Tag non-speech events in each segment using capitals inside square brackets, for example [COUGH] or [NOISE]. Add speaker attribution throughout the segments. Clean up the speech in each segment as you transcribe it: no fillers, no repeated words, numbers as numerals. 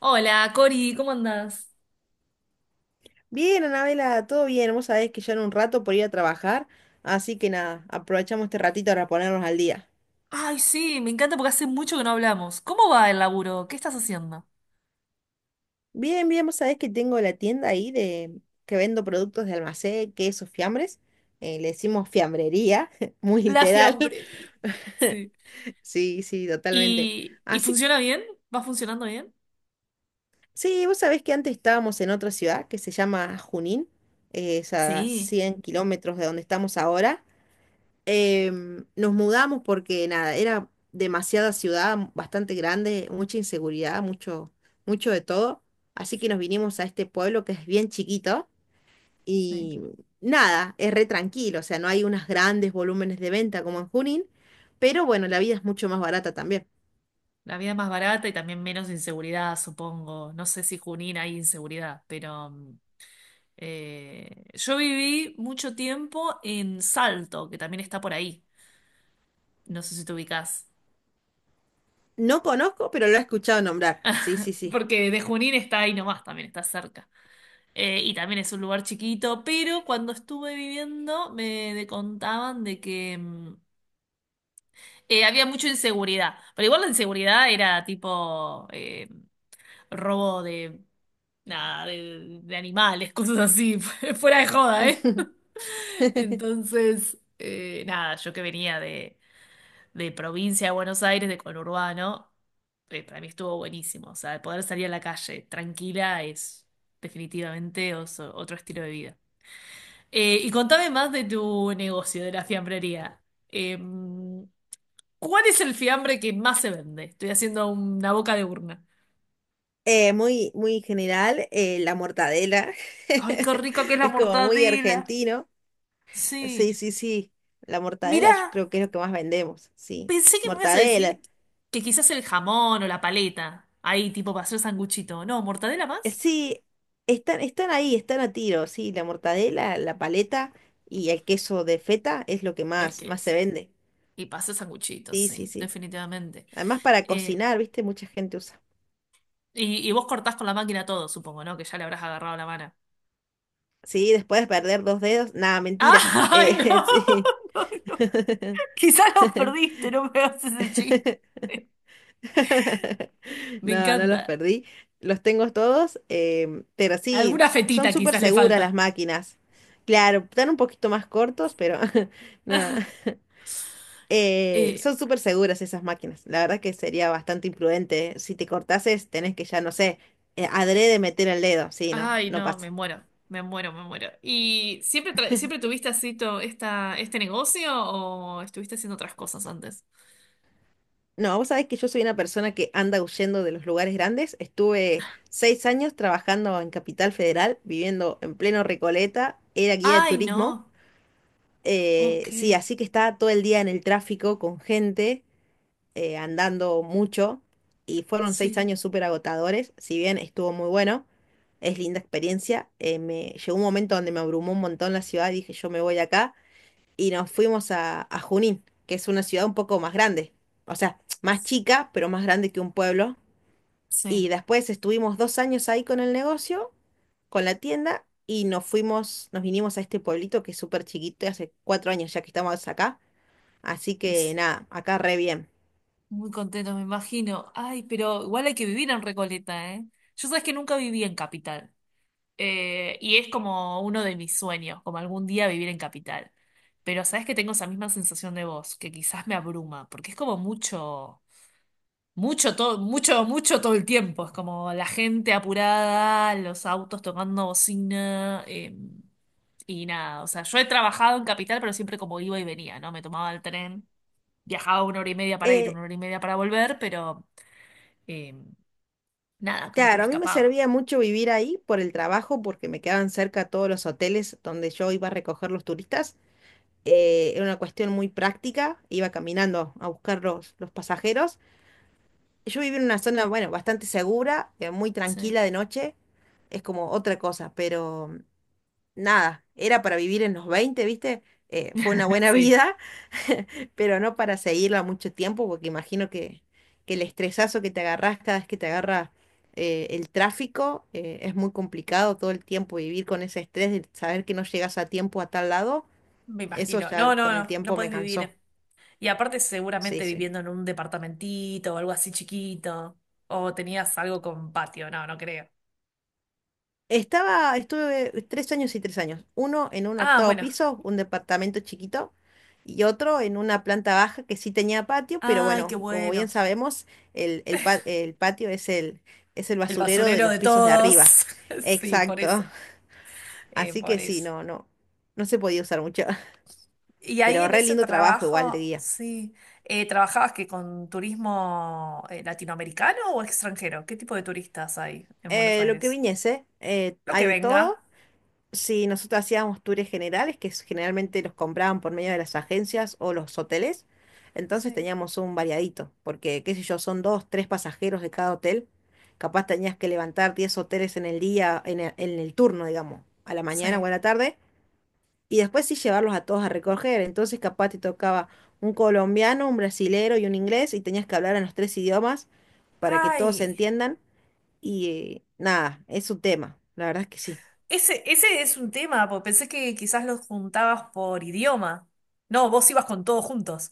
Speaker 1: Hola, Cori, ¿cómo andás?
Speaker 2: Bien, Anabela, todo bien. Vos sabés que ya en un rato por ir a trabajar, así que nada, aprovechamos este ratito para ponernos al día.
Speaker 1: Ay, sí, me encanta porque hace mucho que no hablamos. ¿Cómo va el laburo? ¿Qué estás haciendo?
Speaker 2: Bien, bien, vos sabés que tengo la tienda ahí de que vendo productos de almacén, quesos, fiambres. Le decimos fiambrería, [LAUGHS] muy
Speaker 1: La
Speaker 2: literal.
Speaker 1: fiambrería.
Speaker 2: [LAUGHS]
Speaker 1: Sí.
Speaker 2: Sí, sí, totalmente.
Speaker 1: ¿Y
Speaker 2: Así,
Speaker 1: funciona bien? ¿Va funcionando bien?
Speaker 2: sí, vos sabés que antes estábamos en otra ciudad que se llama Junín, es a
Speaker 1: Sí,
Speaker 2: 100 kilómetros de donde estamos ahora. Nos mudamos porque nada, era demasiada ciudad, bastante grande, mucha inseguridad, mucho, mucho de todo. Así que nos vinimos a este pueblo que es bien chiquito
Speaker 1: sí.
Speaker 2: y nada, es re tranquilo, o sea, no hay unos grandes volúmenes de venta como en Junín, pero bueno, la vida es mucho más barata también.
Speaker 1: La vida es más barata y también menos inseguridad, supongo. No sé si Junín hay inseguridad, pero yo viví mucho tiempo en Salto, que también está por ahí. No sé si te ubicás.
Speaker 2: No conozco, pero lo he escuchado nombrar. Sí, sí, sí.
Speaker 1: Porque de Junín está ahí nomás, también está cerca. Y también es un lugar chiquito, pero cuando estuve viviendo me contaban de que había mucha inseguridad. Pero igual la inseguridad era tipo robo de, nada, de animales, cosas así, [LAUGHS] fuera de joda, ¿eh?
Speaker 2: [LAUGHS]
Speaker 1: [LAUGHS] Entonces, nada, yo que venía de provincia de Buenos Aires, de conurbano, para mí estuvo buenísimo. O sea, poder salir a la calle tranquila es definitivamente otro estilo de vida. Y contame más de tu negocio, de la fiambrería. Em, ¿Cuál es el fiambre que más se vende? Estoy haciendo una boca de urna.
Speaker 2: Muy, muy general, la mortadela
Speaker 1: Ay, qué rica que es
Speaker 2: [LAUGHS]
Speaker 1: la
Speaker 2: es como muy
Speaker 1: mortadela.
Speaker 2: argentino. Sí,
Speaker 1: Sí.
Speaker 2: sí, sí. La mortadela yo
Speaker 1: Mirá,
Speaker 2: creo que es lo que más vendemos, sí.
Speaker 1: pensé que me ibas a
Speaker 2: Mortadela.
Speaker 1: decir que quizás el jamón o la paleta. Ahí, tipo, para hacer sanguchito. No, mortadela más.
Speaker 2: Sí, están ahí, están a tiro, sí. La mortadela, la paleta y el queso de feta es lo que
Speaker 1: El
Speaker 2: más,
Speaker 1: que
Speaker 2: más se
Speaker 1: es.
Speaker 2: vende.
Speaker 1: Y para hacer sanguchito,
Speaker 2: Sí, sí,
Speaker 1: sí,
Speaker 2: sí.
Speaker 1: definitivamente.
Speaker 2: Además para
Speaker 1: Eh,
Speaker 2: cocinar, ¿viste? Mucha gente usa.
Speaker 1: y vos cortás con la máquina todo, supongo, ¿no? Que ya le habrás agarrado la mano.
Speaker 2: Sí, después de perder dos dedos. Nada,
Speaker 1: [LAUGHS]
Speaker 2: mentira.
Speaker 1: ¡Ay,
Speaker 2: [LAUGHS]
Speaker 1: no!
Speaker 2: Sí. [LAUGHS]
Speaker 1: Quizás los perdiste, no me hagas ese chiste.
Speaker 2: [LAUGHS]
Speaker 1: Me
Speaker 2: No, no los
Speaker 1: encanta.
Speaker 2: perdí. Los tengo todos, pero sí,
Speaker 1: Alguna
Speaker 2: son
Speaker 1: fetita
Speaker 2: súper
Speaker 1: quizás le
Speaker 2: seguras
Speaker 1: falta.
Speaker 2: las máquinas. Claro, están un poquito más cortos, pero [LAUGHS] nada.
Speaker 1: [LAUGHS] Eh,
Speaker 2: Son súper seguras esas máquinas. La verdad que sería bastante imprudente, ¿eh? Si te cortases, tenés que ya, no sé, adrede meter el dedo. Sí, no,
Speaker 1: ay,
Speaker 2: no
Speaker 1: no,
Speaker 2: pasa.
Speaker 1: me muero, me muero, me muero. ¿Y siempre, siempre tuviste así este negocio o estuviste haciendo otras cosas antes?
Speaker 2: No, vos sabés que yo soy una persona que anda huyendo de los lugares grandes. Estuve 6 años trabajando en Capital Federal, viviendo en pleno Recoleta, era guía de
Speaker 1: Ay,
Speaker 2: turismo.
Speaker 1: no. Ok,
Speaker 2: Sí, así que estaba todo el día en el tráfico con gente, andando mucho, y fueron seis
Speaker 1: sí,
Speaker 2: años súper agotadores, si bien estuvo muy bueno, es linda experiencia. Me llegó un momento donde me abrumó un montón la ciudad, dije yo me voy de acá, y nos fuimos a Junín, que es una ciudad un poco más grande, o sea, más chica, pero más grande que un pueblo.
Speaker 1: sí.
Speaker 2: Y después estuvimos 2 años ahí con el negocio, con la tienda, y nos fuimos, nos vinimos a este pueblito que es súper chiquito, y hace 4 años ya que estamos acá. Así
Speaker 1: Y
Speaker 2: que nada, acá re bien.
Speaker 1: muy contento, me imagino. Ay, pero igual hay que vivir en Recoleta, ¿eh? Yo sabes que nunca viví en Capital. Y es como uno de mis sueños, como algún día vivir en capital. Pero sabes que tengo esa misma sensación de vos, que quizás me abruma, porque es como mucho, mucho todo el tiempo. Es como la gente apurada, los autos tocando bocina, y nada. O sea, yo he trabajado en capital, pero siempre como iba y venía, ¿no? Me tomaba el tren, viajaba una hora y media para ir,
Speaker 2: Eh,
Speaker 1: una hora y media para volver, pero eh, nada, como que me
Speaker 2: claro, a mí me
Speaker 1: escapaba.
Speaker 2: servía mucho vivir ahí por el trabajo, porque me quedaban cerca todos los hoteles donde yo iba a recoger los turistas. Era una cuestión muy práctica, iba caminando a buscar los pasajeros. Yo vivía en una zona, bueno, bastante segura, muy
Speaker 1: Sí.
Speaker 2: tranquila de noche, es como otra cosa, pero nada, era para vivir en los 20, ¿viste? Fue una
Speaker 1: [LAUGHS]
Speaker 2: buena [LAUGHS]
Speaker 1: Sí.
Speaker 2: vida pero no para seguirla mucho tiempo, porque imagino que el estresazo que te agarrás cada vez que te agarra el tráfico es muy complicado todo el tiempo vivir con ese estrés de saber que no llegas a tiempo a tal lado.
Speaker 1: Me
Speaker 2: Eso
Speaker 1: imagino.
Speaker 2: ya
Speaker 1: No, no,
Speaker 2: con el
Speaker 1: no, no
Speaker 2: tiempo me
Speaker 1: puedes
Speaker 2: cansó.
Speaker 1: vivir. Y aparte
Speaker 2: Sí,
Speaker 1: seguramente
Speaker 2: sí.
Speaker 1: viviendo en un departamentito o algo así chiquito. O tenías algo con patio, no, no creo.
Speaker 2: Estuve 3 años y 3 años. Uno en un
Speaker 1: Ah,
Speaker 2: octavo
Speaker 1: bueno.
Speaker 2: piso, un departamento chiquito, y otro en una planta baja que sí tenía patio, pero
Speaker 1: Ay,
Speaker 2: bueno,
Speaker 1: qué
Speaker 2: como
Speaker 1: bueno.
Speaker 2: bien sabemos, el patio es el
Speaker 1: El
Speaker 2: basurero de
Speaker 1: basurero
Speaker 2: los
Speaker 1: de
Speaker 2: pisos de arriba.
Speaker 1: todos. [LAUGHS] Sí, por
Speaker 2: Exacto.
Speaker 1: eso.
Speaker 2: [LAUGHS] Así
Speaker 1: Por
Speaker 2: que sí,
Speaker 1: eso.
Speaker 2: no, no, no se podía usar mucho.
Speaker 1: Y
Speaker 2: [LAUGHS]
Speaker 1: ahí
Speaker 2: Pero
Speaker 1: en
Speaker 2: re
Speaker 1: ese
Speaker 2: lindo trabajo igual de
Speaker 1: trabajo,
Speaker 2: guía.
Speaker 1: sí. ¿Trabajabas que con turismo latinoamericano o extranjero? ¿Qué tipo de turistas hay en Buenos
Speaker 2: Lo que
Speaker 1: Aires?
Speaker 2: viniese,
Speaker 1: Lo
Speaker 2: hay
Speaker 1: que
Speaker 2: de todo.
Speaker 1: venga.
Speaker 2: Sí, nosotros hacíamos tours generales que generalmente los compraban por medio de las agencias o los hoteles, entonces
Speaker 1: Sí,
Speaker 2: teníamos un variadito, porque qué sé yo, son dos, tres pasajeros de cada hotel, capaz tenías que levantar 10 hoteles en el día, en el turno, digamos, a la mañana
Speaker 1: sí.
Speaker 2: o a la tarde, y después sí llevarlos a todos a recoger, entonces capaz te tocaba un colombiano, un brasilero y un inglés, y tenías que hablar en los tres idiomas para que todos se
Speaker 1: Ay.
Speaker 2: entiendan, y nada, es un tema, la verdad es que sí.
Speaker 1: Ese es un tema, porque pensé que quizás los juntabas por idioma. No, vos ibas con todos juntos.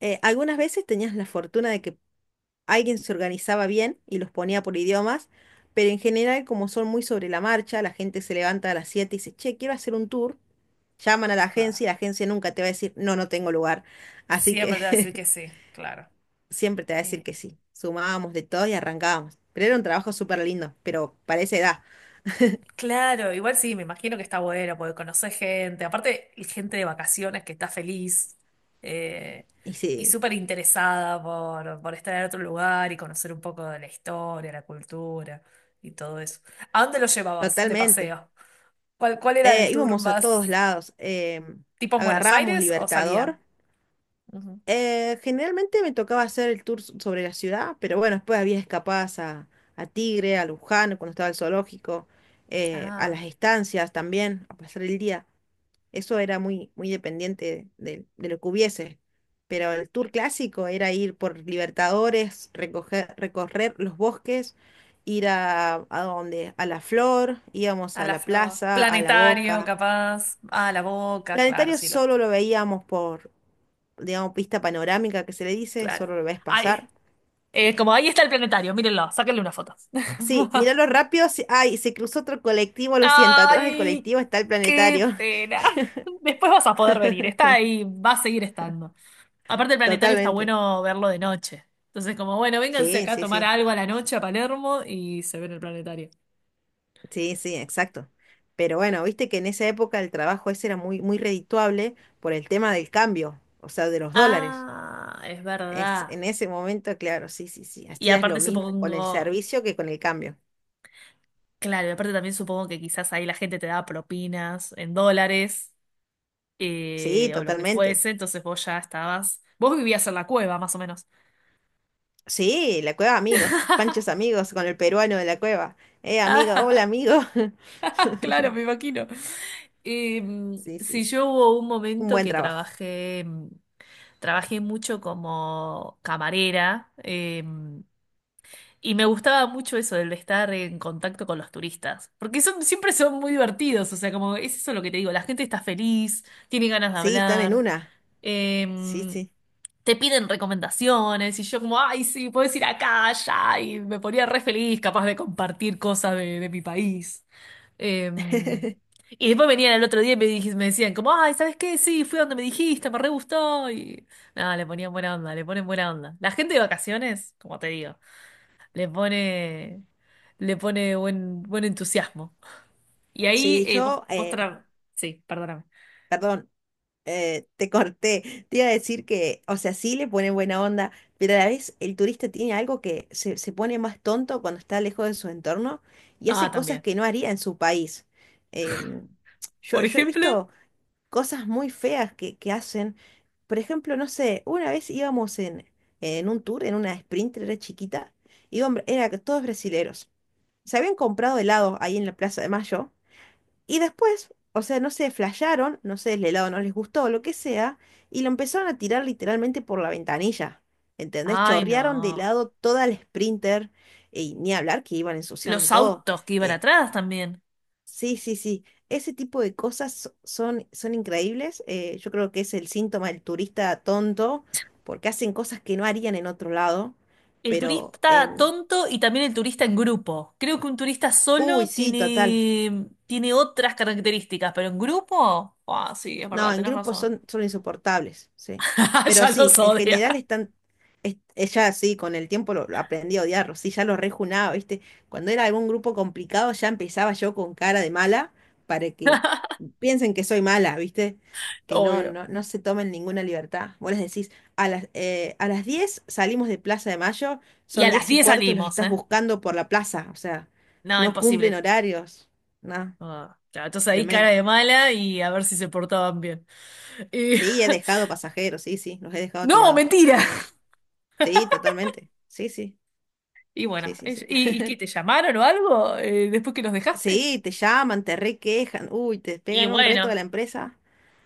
Speaker 2: Algunas veces tenías la fortuna de que alguien se organizaba bien y los ponía por idiomas, pero en general, como son muy sobre la marcha, la gente se levanta a las 7 y dice, che, quiero hacer un tour. Llaman a la agencia
Speaker 1: Claro.
Speaker 2: y la agencia nunca te va a decir, no, no tengo lugar. Así
Speaker 1: Siempre te va a decir
Speaker 2: que
Speaker 1: que sí, claro.
Speaker 2: [LAUGHS] siempre te va a decir
Speaker 1: Eh,
Speaker 2: que sí. Sumábamos de todo y arrancábamos. Pero era un trabajo súper lindo, pero para esa edad.
Speaker 1: claro, igual sí, me imagino que está bueno, porque conoces gente, aparte gente de vacaciones que está feliz eh,
Speaker 2: Y
Speaker 1: y
Speaker 2: sí,
Speaker 1: súper interesada por estar en otro lugar y conocer un poco de la historia, la cultura y todo eso. ¿A dónde lo llevabas de
Speaker 2: totalmente.
Speaker 1: paseo? ¿Cuál era el tour
Speaker 2: Íbamos a todos
Speaker 1: más
Speaker 2: lados.
Speaker 1: tipo en Buenos
Speaker 2: Agarrábamos
Speaker 1: Aires o
Speaker 2: Libertador.
Speaker 1: salían? Ujú.
Speaker 2: Generalmente me tocaba hacer el tour sobre la ciudad, pero bueno, después había escapadas a, Tigre, a Luján, cuando estaba el zoológico, a las
Speaker 1: Ah,
Speaker 2: estancias también, a pasar el día. Eso era muy, muy dependiente de lo que hubiese. Pero el tour clásico era ir por Libertadores, recoger, recorrer los bosques, ir a donde, a La Flor, íbamos
Speaker 1: a
Speaker 2: a
Speaker 1: la
Speaker 2: la
Speaker 1: flor.
Speaker 2: plaza, a La
Speaker 1: Planetario,
Speaker 2: Boca.
Speaker 1: capaz. A la boca, claro,
Speaker 2: Planetario
Speaker 1: sí, los té.
Speaker 2: solo lo veíamos por, digamos, pista panorámica que se le dice,
Speaker 1: Claro.
Speaker 2: solo lo ves
Speaker 1: Ahí,
Speaker 2: pasar.
Speaker 1: como ahí está el planetario, mírenlo, sáquenle una foto.
Speaker 2: Sí,
Speaker 1: [LAUGHS]
Speaker 2: míralo rápido. Ay, se cruzó otro colectivo, lo siento, atrás del
Speaker 1: Ay,
Speaker 2: colectivo está el
Speaker 1: qué
Speaker 2: planetario.
Speaker 1: pena. Después vas a poder venir, está
Speaker 2: [LAUGHS]
Speaker 1: ahí, va a seguir estando. Aparte, el planetario está
Speaker 2: Totalmente.
Speaker 1: bueno verlo de noche. Entonces, como bueno, vénganse
Speaker 2: Sí,
Speaker 1: acá a
Speaker 2: sí,
Speaker 1: tomar
Speaker 2: sí.
Speaker 1: algo a la noche a Palermo y se ven el planetario.
Speaker 2: Sí, sí, exacto. Pero bueno, viste que en esa época el trabajo ese era muy, muy redituable por el tema del cambio, o sea, de los dólares.
Speaker 1: Ah, es
Speaker 2: Es,
Speaker 1: verdad.
Speaker 2: en ese momento, claro, sí, sí, sí.
Speaker 1: Y
Speaker 2: Hacías lo
Speaker 1: aparte
Speaker 2: mismo con el
Speaker 1: supongo.
Speaker 2: servicio que con el cambio.
Speaker 1: Claro, y aparte también supongo que quizás ahí la gente te daba propinas en dólares
Speaker 2: Sí,
Speaker 1: o lo que
Speaker 2: totalmente.
Speaker 1: fuese, entonces vos ya estabas. Vos vivías en la cueva, más o menos.
Speaker 2: Sí, la cueva amigos, Panchos
Speaker 1: [LAUGHS]
Speaker 2: amigos con el peruano de la cueva. Amigo, hola amigo. [LAUGHS]
Speaker 1: Claro, me imagino.
Speaker 2: Sí, sí,
Speaker 1: Sí,
Speaker 2: sí.
Speaker 1: yo hubo un
Speaker 2: Un
Speaker 1: momento
Speaker 2: buen
Speaker 1: que
Speaker 2: trabajo.
Speaker 1: trabajé, mucho como camarera, y me gustaba mucho eso, el de estar en contacto con los turistas, porque siempre son muy divertidos, o sea, como es eso lo que te digo, la gente está feliz, tiene ganas de
Speaker 2: Sí, están en
Speaker 1: hablar.
Speaker 2: una. Sí,
Speaker 1: Em,
Speaker 2: sí.
Speaker 1: Te piden recomendaciones y yo como, ay, sí, puedes ir acá, allá, y me ponía re feliz, capaz de compartir cosas de mi país. Em, y después venían el otro día y me, me decían como, ay, ¿sabes qué? Sí, fui a donde me dijiste, me re gustó. Y nada, le ponían buena onda, le ponen buena onda. La gente de vacaciones, como te digo, le pone, le pone buen entusiasmo. Y ahí
Speaker 2: Sí,
Speaker 1: vos,
Speaker 2: yo,
Speaker 1: vos Sí, perdóname.
Speaker 2: perdón, te corté. Te iba a decir que, o sea, sí le ponen buena onda, pero a la vez el turista tiene algo que se pone más tonto cuando está lejos de su entorno y
Speaker 1: Ah,
Speaker 2: hace cosas
Speaker 1: también.
Speaker 2: que no haría en su país. Em, yo,
Speaker 1: Por
Speaker 2: yo he
Speaker 1: ejemplo.
Speaker 2: visto cosas muy feas que hacen. Por ejemplo, no sé, una vez íbamos en, un tour, en una Sprinter, era chiquita, y hombre, era que todos brasileros. Se habían comprado helados ahí en la Plaza de Mayo, y después, o sea, no sé, flasharon, no sé, el helado no les gustó o lo que sea, y lo empezaron a tirar literalmente por la ventanilla. ¿Entendés?
Speaker 1: Ay,
Speaker 2: Chorrearon de
Speaker 1: no.
Speaker 2: helado toda la Sprinter, y ni hablar que iban ensuciando
Speaker 1: Los
Speaker 2: todo.
Speaker 1: autos que iban
Speaker 2: Eh,
Speaker 1: atrás también.
Speaker 2: Sí, sí, sí. Ese tipo de cosas son increíbles. Yo creo que es el síntoma del turista tonto, porque hacen cosas que no harían en otro lado,
Speaker 1: El
Speaker 2: pero
Speaker 1: turista
Speaker 2: en...
Speaker 1: tonto y también el turista en grupo. Creo que un turista
Speaker 2: Uy,
Speaker 1: solo
Speaker 2: sí, total.
Speaker 1: tiene otras características, pero en grupo. Ah, sí, es
Speaker 2: No,
Speaker 1: verdad,
Speaker 2: en
Speaker 1: tenés
Speaker 2: grupos
Speaker 1: razón.
Speaker 2: son insoportables, sí.
Speaker 1: [LAUGHS]
Speaker 2: Pero
Speaker 1: Ya
Speaker 2: sí,
Speaker 1: los
Speaker 2: en
Speaker 1: odia.
Speaker 2: general están, ella sí, con el tiempo lo aprendí a odiarlo, sí, ya lo rejunaba, ¿viste? Cuando era algún grupo complicado ya empezaba yo con cara de mala para que
Speaker 1: [LAUGHS]
Speaker 2: piensen que soy mala, ¿viste? Que no,
Speaker 1: Obvio.
Speaker 2: no, no se tomen ninguna libertad. Vos les decís, a las 10 salimos de Plaza de Mayo,
Speaker 1: Y a
Speaker 2: son
Speaker 1: las
Speaker 2: 10 y
Speaker 1: 10
Speaker 2: cuarto y los
Speaker 1: salimos,
Speaker 2: estás
Speaker 1: ¿eh?
Speaker 2: buscando por la plaza, o sea,
Speaker 1: No,
Speaker 2: no
Speaker 1: imposible.
Speaker 2: cumplen horarios, no,
Speaker 1: Ah, claro, entonces ahí cara
Speaker 2: tremendo.
Speaker 1: de mala y a ver si se portaban bien. Y-
Speaker 2: Sí, he dejado
Speaker 1: [LAUGHS]
Speaker 2: pasajeros, sí, sí, los he dejado
Speaker 1: No,
Speaker 2: tirados,
Speaker 1: mentira.
Speaker 2: totalmente. Sí, totalmente. Sí, sí,
Speaker 1: Y bueno,
Speaker 2: sí, sí,
Speaker 1: ¿y,
Speaker 2: sí.
Speaker 1: y qué te llamaron o algo después que los dejaste?
Speaker 2: Sí, te llaman, te requejan, uy, te
Speaker 1: Y
Speaker 2: pegan un reto de
Speaker 1: bueno.
Speaker 2: la empresa,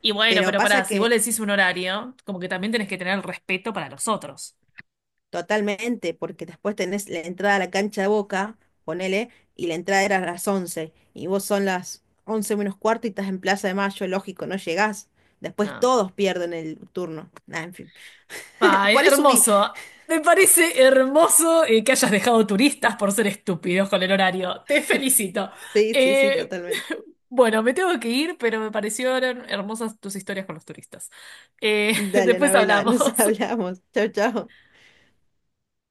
Speaker 1: Y bueno,
Speaker 2: pero
Speaker 1: pero
Speaker 2: pasa
Speaker 1: pará, si vos
Speaker 2: que
Speaker 1: le decís un horario, como que también tenés que tener el respeto para los otros.
Speaker 2: totalmente, porque después tenés la entrada a la cancha de Boca, ponele, y la entrada era a las 11 y vos son las 11 menos cuarto y estás en Plaza de Mayo, lógico, no llegás. Después
Speaker 1: No.
Speaker 2: todos pierden el turno. Nah, en fin. [LAUGHS]
Speaker 1: Ay,
Speaker 2: Por eso subí.
Speaker 1: hermoso. Me parece hermoso que hayas dejado turistas por ser estúpidos con el horario. Te felicito.
Speaker 2: Sí, sí, sí,
Speaker 1: Eh,
Speaker 2: totalmente.
Speaker 1: [LAUGHS] bueno, me tengo que ir, pero me parecieron hermosas tus historias con los turistas. Eh, [LAUGHS]
Speaker 2: Dale,
Speaker 1: después
Speaker 2: Anabela, nos [LAUGHS]
Speaker 1: hablamos.
Speaker 2: hablamos. Chao, chao.